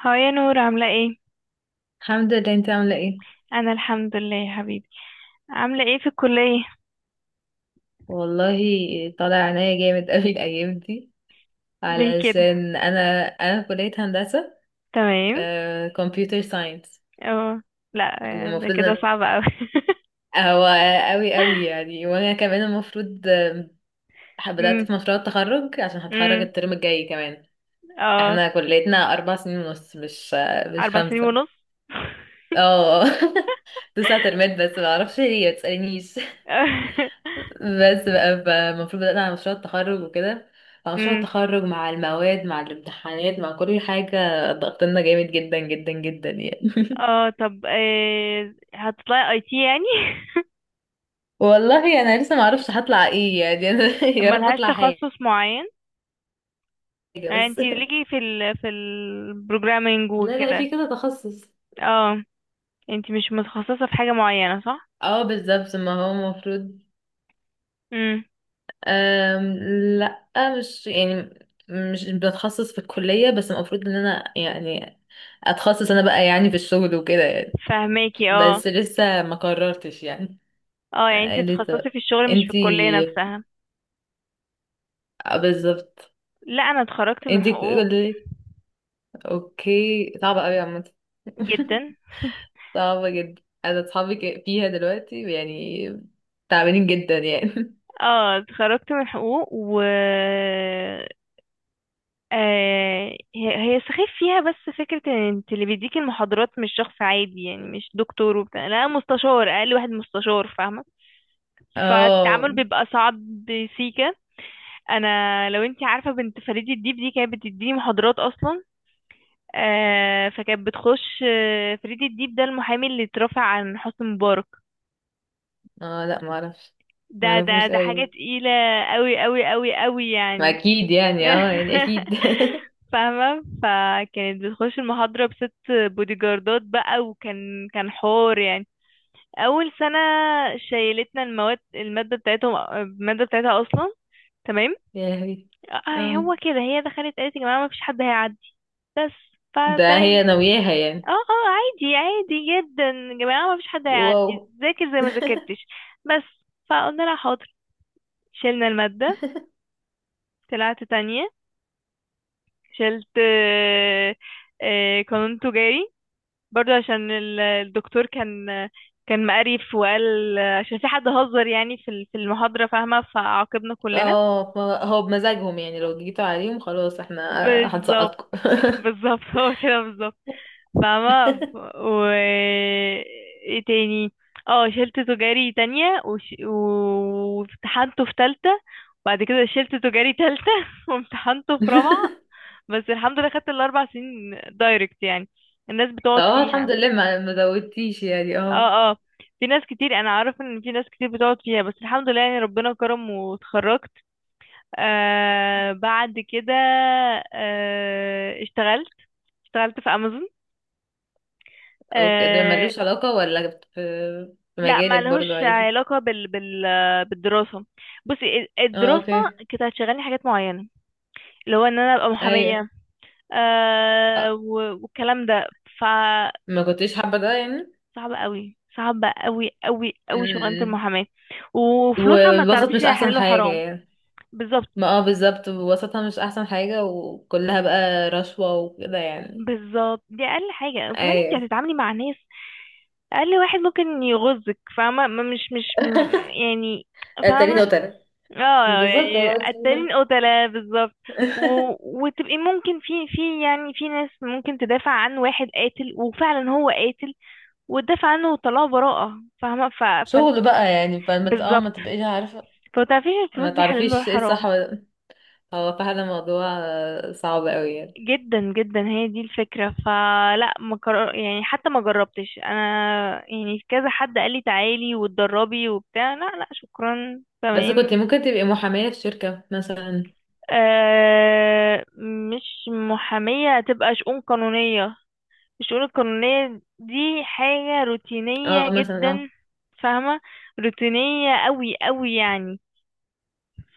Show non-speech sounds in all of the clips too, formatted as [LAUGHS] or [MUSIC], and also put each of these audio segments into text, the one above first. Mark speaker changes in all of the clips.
Speaker 1: هاي يا نور، عاملة ايه؟
Speaker 2: الحمد لله. انت عاملة ايه؟
Speaker 1: أنا الحمد لله يا حبيبي. عاملة ايه في الكلية؟
Speaker 2: والله، طالع عينيا جامد [LAUGHS] قوي الايام دي
Speaker 1: ليه كده؟
Speaker 2: علشان انا في كلية هندسة
Speaker 1: تمام.
Speaker 2: كمبيوتر ساينس.
Speaker 1: اه. لا. آه، ده
Speaker 2: المفروض
Speaker 1: كده
Speaker 2: ان
Speaker 1: صعب اوي. [LAUGHS]
Speaker 2: هو قوي قوي يعني، وانا كمان المفروض بدأت
Speaker 1: امم.
Speaker 2: في مشروع التخرج عشان هتخرج
Speaker 1: امم.
Speaker 2: الترم الجاي كمان.
Speaker 1: اه.
Speaker 2: احنا كليتنا 4 سنين ونص، مش
Speaker 1: أربع سنين
Speaker 2: خمسة.
Speaker 1: ونص؟ [LAUGHS]
Speaker 2: اه [LAUGHS] 9 ترمات، بس ما اعرفش ليه، ما تسألنيش. بس بقى المفروض بدأنا على مشروع التخرج وكده، مع مشروع
Speaker 1: امم.
Speaker 2: التخرج مع المواد مع الامتحانات مع كل حاجة. ضغطنا جامد جدا جدا جدا يعني. [LAUGHS]
Speaker 1: اه طب هتطلعي اي تي يعني؟ [LAUGHS]
Speaker 2: والله، أنا لسه معرفش هطلع ايه يعني. أنا [LAUGHS] يا رب
Speaker 1: ملهاش
Speaker 2: أطلع حاجة
Speaker 1: تخصص معين؟ يعني
Speaker 2: بس. [LAUGHS]
Speaker 1: انتي ليكي في ال في البروجرامينج
Speaker 2: لا لا،
Speaker 1: وكده.
Speaker 2: في كده تخصص.
Speaker 1: اه. انتي مش متخصصة في حاجة معينة صح؟
Speaker 2: اه بالظبط، ما هو المفروض.
Speaker 1: امم.
Speaker 2: أم لا، مش يعني مش بتخصص في الكلية، بس المفروض ان انا يعني اتخصص انا بقى يعني في الشغل وكده يعني.
Speaker 1: فهماكي، اه.
Speaker 2: بس لسه ما قررتش يعني.
Speaker 1: اه يعني انتي بتتخصصي
Speaker 2: لسه
Speaker 1: في الشغل مش في الكلية
Speaker 2: انتي.
Speaker 1: نفسها.
Speaker 2: بالظبط.
Speaker 1: لا انا اتخرجت من
Speaker 2: انتي
Speaker 1: حقوق.
Speaker 2: كل. اوكي، صعبة قوي عامة. [LAUGHS]
Speaker 1: جدا.
Speaker 2: صعبة جدا. انا اصحابي فيها دلوقتي يعني، تعبانين جدا يعني. [LAUGHS]
Speaker 1: اه اتخرجت من حقوق و... آه هي. هي سخيف فيها، بس فكرة ان انت اللي بيديكي المحاضرات مش شخص عادي، يعني مش دكتور وبتاع، لا مستشار، اقل واحد مستشار، فاهمة؟ فالتعامل
Speaker 2: اه
Speaker 1: بيبقى صعب. سيكا. انا لو انت عارفة بنت فريد الديب دي كانت بتديني محاضرات اصلا. آه فكانت بتخش، فريد الديب ده المحامي اللي اترفع عن حسني مبارك.
Speaker 2: اه، لا ما اعرفش. ما
Speaker 1: ده ده
Speaker 2: اعرفوش
Speaker 1: ده حاجة
Speaker 2: قوي.
Speaker 1: تقيلة. قوي قوي قوي قوي
Speaker 2: ما
Speaker 1: يعني.
Speaker 2: اكيد يعني. اه يعني اكيد.
Speaker 1: [LAUGHS] فاهمة؟ فكانت بتخش المحاضرة بست بودي جاردات بقى، وكان كان حوار يعني. أول سنة شيلتنا المواد، المادة بتاعتهم، المادة بتاعتها أصلا. تمام.
Speaker 2: [LAUGHS] يا لهوي.
Speaker 1: آه
Speaker 2: اه،
Speaker 1: هو كده، هي دخلت قالت يا جماعة مفيش حد هيعدي، بس.
Speaker 2: ده
Speaker 1: فتمام.
Speaker 2: هي ناوياها يعني.
Speaker 1: اه اه عادي، عادي جدا، يا جماعة مفيش حد
Speaker 2: واو.
Speaker 1: هيعدي ذاكر زي ما ذاكرتش، بس. فقلنا لها حاضر. شيلنا المادة. طلعت تانية. شلت قانون تجاري، برضو عشان الدكتور كان، كان مقرف وقال عشان في حد هزر يعني في في المحاضرة، فاهمة؟ فعاقبنا كلنا.
Speaker 2: اه هو بمزاجهم يعني، لو جيتوا عليهم خلاص احنا.
Speaker 1: بالظبط.
Speaker 2: هنسقطكم.
Speaker 1: بالظبط [LAUGHS] هو كده بالظبط.
Speaker 2: [LAUGHS]
Speaker 1: فاهمة. و... ايه تاني؟ اه شلت تجاري تانية وامتحنته في تالتة، وبعد كده شلت تجاري تالتة [LAUGHS] وامتحنته في رابعة. بس الحمد لله خدت الاربع سنين دايركت يعني، الناس
Speaker 2: طب
Speaker 1: بتقعد
Speaker 2: اه، الحمد
Speaker 1: فيها.
Speaker 2: لله ما زودتيش يعني. اه
Speaker 1: اه اه في ناس كتير، انا عارف ان في ناس كتير بتقعد فيها، بس الحمد لله يعني، ربنا كرم واتخرجت. آه بعد كده، آه اشتغلت. اشتغلت في امازون.
Speaker 2: اوكي. ده
Speaker 1: آه
Speaker 2: ملوش علاقة، ولا في في
Speaker 1: لا ما
Speaker 2: مجالك برضو؟
Speaker 1: لهوش
Speaker 2: عادي.
Speaker 1: علاقة بالدراسة. بصي،
Speaker 2: اه
Speaker 1: الدراسة
Speaker 2: اوكي.
Speaker 1: كانت هتشغلني حاجات معينة، اللي هو ان انا ابقى
Speaker 2: ايوه.
Speaker 1: محامية،
Speaker 2: اه،
Speaker 1: والكلام ده.
Speaker 2: ما كنتش حابة ده يعني.
Speaker 1: صعبة قوي، صعبة قوي قوي قوي شغلانة
Speaker 2: امم.
Speaker 1: المحاماة. وفلوسها ما
Speaker 2: والوسط
Speaker 1: تعرفيش
Speaker 2: مش
Speaker 1: هي
Speaker 2: احسن
Speaker 1: حلال
Speaker 2: حاجة
Speaker 1: وحرام.
Speaker 2: يعني.
Speaker 1: بالظبط.
Speaker 2: ما اه بالظبط، وسطها مش احسن حاجة، وكلها بقى رشوة وكده يعني.
Speaker 1: بالظبط، دي اقل حاجة، وكمان انت
Speaker 2: ايوه.
Speaker 1: هتتعاملي مع ناس اقل واحد ممكن يغزك، فاهمة؟ ما- مش مش م-
Speaker 2: [LAUGHS]
Speaker 1: يعني.
Speaker 2: تاني
Speaker 1: فاهمة؟
Speaker 2: وتالت.
Speaker 1: اه
Speaker 2: بالظبط
Speaker 1: يعني
Speaker 2: اه.
Speaker 1: قتالين، قتلة، بالظبط. و...
Speaker 2: [LAUGHS]
Speaker 1: وتبقي ممكن في يعني في ناس ممكن تدافع عن واحد قاتل، وفعلا هو قاتل، وتدافع عنه وطلعه براءة، فاهمة؟
Speaker 2: شغل بقى يعني، فما
Speaker 1: بالظبط.
Speaker 2: ما تبقيش عارفة.
Speaker 1: فمتعرفيش
Speaker 2: ما
Speaker 1: الفلوس دي حلال ولا
Speaker 2: تعرفيش ايه الصح،
Speaker 1: حرام.
Speaker 2: هو فعلا موضوع صعب قوي يعني.
Speaker 1: جدا جدا، هي دي الفكرة. فلا ما كر... يعني حتى ما جربتش انا، يعني كذا حد قال لي تعالي واتدربي وبتاع، لا لا شكرا،
Speaker 2: بس كنت
Speaker 1: تمام.
Speaker 2: ممكن تبقي محامية في شركة مثلا.
Speaker 1: آه مش محامية، هتبقى شؤون قانونية. الشؤون القانونية دي حاجة روتينية
Speaker 2: اه مثلا، اه
Speaker 1: جدا، فاهمة؟ روتينية قوي قوي يعني.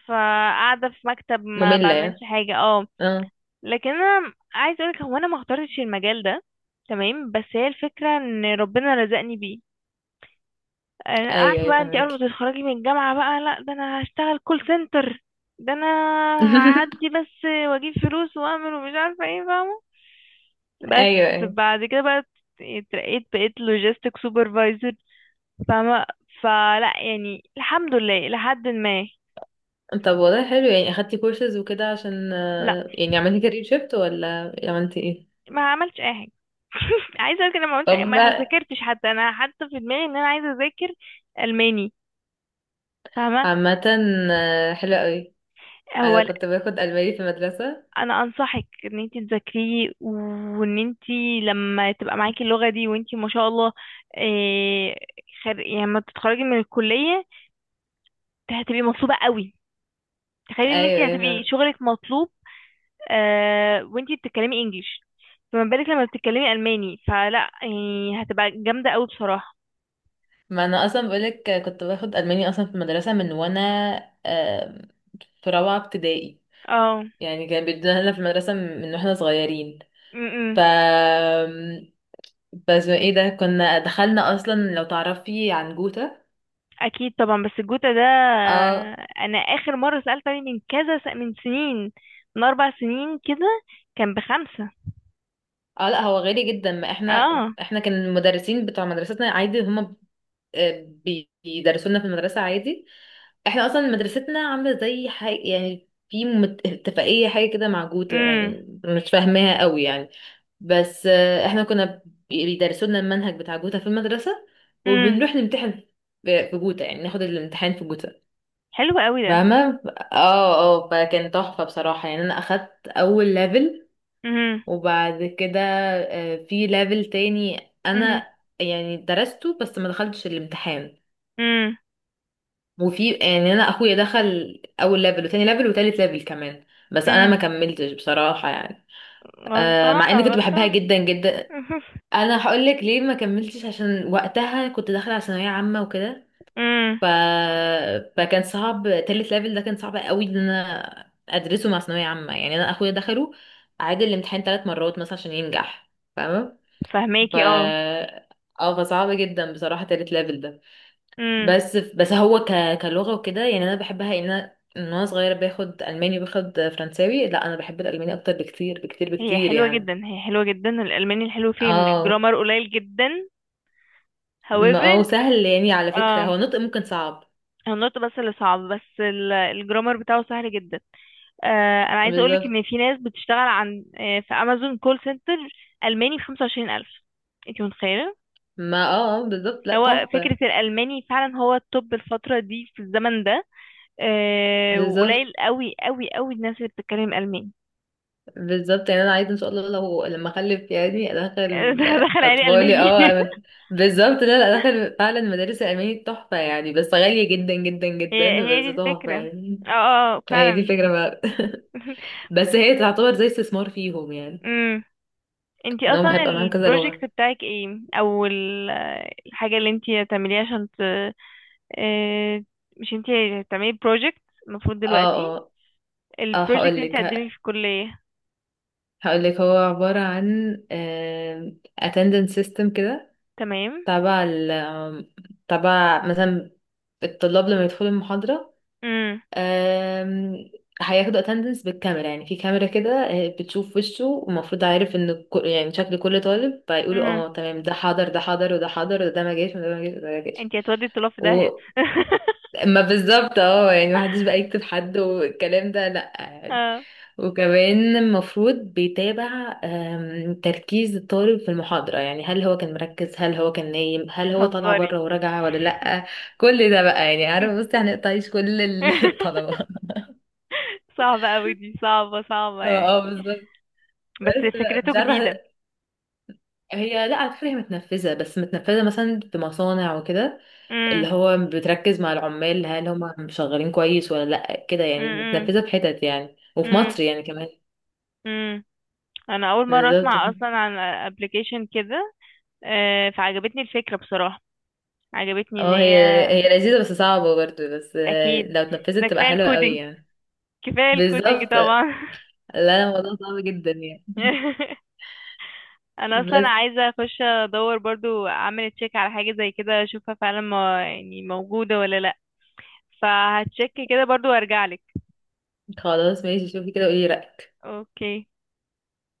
Speaker 1: فقاعدة في مكتب ما
Speaker 2: مملة
Speaker 1: بعملش
Speaker 2: يعني،
Speaker 1: حاجة. اه
Speaker 2: اه.
Speaker 1: لكن انا عايز اقولك، هو انا ما اخترتش المجال ده، تمام، بس هي الفكره ان ربنا رزقني بيه. انا
Speaker 2: ايوه
Speaker 1: عارفه
Speaker 2: ايوه،
Speaker 1: بقى انت اول
Speaker 2: فاهمك.
Speaker 1: ما تتخرجي من الجامعه بقى لا، ده انا هشتغل كول سنتر، ده انا
Speaker 2: [LAUGHS]
Speaker 1: هعدي بس واجيب فلوس واعمل ومش عارفه ايه، فاهمه؟
Speaker 2: ايوه
Speaker 1: بس.
Speaker 2: ايوه.
Speaker 1: بعد كده بقى اترقيت، بقيت لوجيستيك سوبرفايزر، فاهمه؟ فلا يعني الحمد لله لحد ما...
Speaker 2: طب والله، حلو يعني. اخدتي كورسز وكده عشان
Speaker 1: لا
Speaker 2: يعني عملتي كارير شيفت، ولا عملتي ايه؟
Speaker 1: ما عملتش اي حاجه. [LAUGHS] عايزه اقول كده، ما عملتش
Speaker 2: طب
Speaker 1: ما ذاكرتش حتى، انا حتى في دماغي ان انا عايزه اذاكر الماني، فاهمه؟
Speaker 2: عامة حلو قوي.
Speaker 1: هو
Speaker 2: انا كنت باخد الماني في المدرسة.
Speaker 1: انا انصحك ان انت تذاكريه وان انت، لما تبقى معاكي اللغه دي وانت ما شاء الله، إيه، يعني لما تتخرجي من الكليه هتبقي مطلوبه قوي. تخيلي ان انت
Speaker 2: ايوه ايوه،
Speaker 1: هتبقي
Speaker 2: فاهم.
Speaker 1: شغلك مطلوب، آه وانت بتتكلمي انجليش، فما بالك لما بتتكلمي الماني؟ فلا يعني هتبقى جامده قوي بصراحه.
Speaker 2: ما انا اصلا بقولك كنت باخد الماني اصلا في المدرسة من وانا آه، في رابعة ابتدائي.
Speaker 1: اه.
Speaker 2: يعني كان بيدونا لنا في المدرسة من واحنا صغيرين.
Speaker 1: م-
Speaker 2: ف
Speaker 1: م.
Speaker 2: بس ايه ده، كنا دخلنا اصلا، لو تعرفي عن جوتا.
Speaker 1: اكيد طبعا، بس الجوتا ده
Speaker 2: اه
Speaker 1: انا اخر مره سالت عليه من من سنين، من اربع سنين كده، كان بخمسه.
Speaker 2: اه، لا هو غالي جدا. ما احنا
Speaker 1: اه.
Speaker 2: احنا كان المدرسين بتوع مدرستنا عادي. هما آه، بيدرسوا لنا في المدرسة عادي. احنا اصلا مدرستنا عاملة زي حاجة يعني، في اتفاقية حاجة كده مع جوتا،
Speaker 1: امم.
Speaker 2: يعني مش فاهماها قوي يعني. بس احنا كنا بيدرسوا لنا المنهج بتاع جوتا في المدرسة،
Speaker 1: امم.
Speaker 2: وبنروح نمتحن في جوتا يعني، ناخد الامتحان في جوتا.
Speaker 1: حلو قوي ده.
Speaker 2: فاهمة. اه اه، فكان تحفة بصراحة يعني. انا اخدت اول ليفل،
Speaker 1: امم.
Speaker 2: وبعد كده في ليفل تاني
Speaker 1: امم.
Speaker 2: انا يعني درسته بس ما دخلتش الامتحان.
Speaker 1: امم.
Speaker 2: وفي يعني انا اخويا دخل اول ليفل وتاني ليفل وتالت ليفل كمان. بس انا
Speaker 1: امم.
Speaker 2: ما كملتش بصراحة يعني، مع
Speaker 1: غلطانه،
Speaker 2: اني كنت بحبها
Speaker 1: غلطانه.
Speaker 2: جدا جدا.
Speaker 1: [LAUGHS]
Speaker 2: انا هقولك ليه ما كملتش، عشان وقتها كنت داخلة على ثانوية عامة وكده.
Speaker 1: امم.
Speaker 2: ف... فكان صعب. تالت ليفل ده كان صعب قوي، ان انا ادرسه مع ثانويه عامه. يعني انا اخويا دخله، عاد الامتحان 3 مرات مثلا عشان ينجح. فاهمه. ف
Speaker 1: فهماكي اه.
Speaker 2: اه فصعب جدا بصراحه تالت ليفل ده.
Speaker 1: امم.
Speaker 2: بس هو كلغه وكده يعني، انا بحبها. ان انا من وانا صغيره باخد الماني، باخد فرنساوي، لا انا بحب الالماني اكتر بكتير بكتير
Speaker 1: هي
Speaker 2: بكتير
Speaker 1: حلوه
Speaker 2: يعني.
Speaker 1: جدا، هي حلوه جدا الالماني. الحلو فيه ان
Speaker 2: اه
Speaker 1: الجرامر قليل جدا.
Speaker 2: ما
Speaker 1: However،
Speaker 2: هو سهل يعني، على فكره
Speaker 1: آه.
Speaker 2: هو نطق ممكن صعب.
Speaker 1: النطق بس اللي صعب، بس الجرامر بتاعه سهل جدا. انا عايزه اقولك
Speaker 2: بالظبط.
Speaker 1: ان في ناس بتشتغل عن آه، في امازون كول سنتر الماني ب 25,000، انت متخيله؟
Speaker 2: ما بالظبط. لا،
Speaker 1: هو فكره
Speaker 2: تحفه.
Speaker 1: الالماني فعلا هو التوب الفتره دي في الزمن ده.
Speaker 2: بالظبط
Speaker 1: وقليل قوي قوي قوي الناس اللي بتتكلم الماني.
Speaker 2: بالظبط، يعني انا عايزه ان شاء الله لو لما اخلف يعني
Speaker 1: [LAUGHS]
Speaker 2: ادخل
Speaker 1: ده دخل عليه
Speaker 2: اطفالي،
Speaker 1: الماني. [LAUGHS]
Speaker 2: اه بالظبط. لا لا، ادخل فعلا مدارس الالماني تحفه يعني، بس غاليه جدا جدا
Speaker 1: هي
Speaker 2: جدا، بس
Speaker 1: هي دي
Speaker 2: تحفه
Speaker 1: الفكره.
Speaker 2: يعني.
Speaker 1: اه.
Speaker 2: هي دي
Speaker 1: فعلا.
Speaker 2: فكره بقى.
Speaker 1: [LAUGHS]
Speaker 2: بس هي تعتبر زي استثمار فيهم يعني،
Speaker 1: امم. انتي
Speaker 2: ان هم
Speaker 1: اصلا
Speaker 2: هيبقى معاهم كذا لغه.
Speaker 1: البروجكت بتاعك ايه، او الحاجه اللي انتي هتعمليها عشان، آه، مش انتي هتعملي بروجكت المفروض دلوقتي،
Speaker 2: اه اه اه،
Speaker 1: البروجكت
Speaker 2: هقول
Speaker 1: انتي
Speaker 2: لك
Speaker 1: هتقدمي في الكلية؟
Speaker 2: هقول لك هو عباره عن attendance system كده،
Speaker 1: تمام.
Speaker 2: تبع ال آم، تبع مثلا الطلاب لما يدخلوا المحاضره.
Speaker 1: امم.
Speaker 2: آم، هياخدوا اتندنس بالكاميرا، يعني في كاميرا كده بتشوف وشه، ومفروض عارف ان يعني شكل كل طالب، فيقولوا
Speaker 1: امم.
Speaker 2: اه تمام، ده حاضر ده حاضر وده حاضر، وده ما جاش وده ما جاش وده ما جاش.
Speaker 1: انتي هتودي الطلاب في داهية.
Speaker 2: و
Speaker 1: [LAUGHS]
Speaker 2: ما بالظبط اه، يعني محدش بقى يكتب حد والكلام ده لا يعني.
Speaker 1: اه
Speaker 2: وكمان المفروض بيتابع تركيز الطالب في المحاضرة، يعني هل هو كان مركز، هل هو كان نايم، هل هو طالع
Speaker 1: تهزري.
Speaker 2: بره وراجع ولا لأ. كل ده بقى يعني، عارف بصي هنقطع عيش كل [LAUGHS] الطلبة.
Speaker 1: [LAUGHS] صعبة اوي دي، صعبة، صعبة
Speaker 2: اه
Speaker 1: يعني.
Speaker 2: بالظبط.
Speaker 1: بس
Speaker 2: بس لا،
Speaker 1: فكرته
Speaker 2: مش عارفه.
Speaker 1: جديدة.
Speaker 2: هي لا على فكره، هي متنفذه، بس متنفذه مثلا في مصانع وكده، اللي
Speaker 1: امم.
Speaker 2: هو بتركز مع العمال هل هم شغالين كويس ولا لا كده يعني.
Speaker 1: امم.
Speaker 2: متنفذه في حتت يعني، وفي
Speaker 1: امم.
Speaker 2: مصر يعني كمان.
Speaker 1: امم. انا اول مرة
Speaker 2: بالظبط
Speaker 1: اسمع اصلا عن ابلكيشن كده. فعجبتني الفكرة بصراحة، عجبتني ان
Speaker 2: اه. هي
Speaker 1: هي...
Speaker 2: هي لذيذه، بس صعبه برضه، بس
Speaker 1: اكيد،
Speaker 2: لو
Speaker 1: ده
Speaker 2: اتنفذت تبقى
Speaker 1: كفايه
Speaker 2: حلوه قوي
Speaker 1: الكودينج،
Speaker 2: يعني.
Speaker 1: كفاية الكودينج
Speaker 2: بالظبط.
Speaker 1: طبعا.
Speaker 2: لا الموضوع صعب جدا يعني.
Speaker 1: [LAUGHS]
Speaker 2: [LAUGHS]
Speaker 1: انا اصلا
Speaker 2: بس.
Speaker 1: عايزة اخش ادور برضو، اعمل تشيك على حاجة زي كده، اشوفها فعلا ما يعني موجودة ولا لا. فهتشيك كده برضو وارجع لك.
Speaker 2: خلاص ماشي، شوفي كده قولي رأيك.
Speaker 1: اوكي.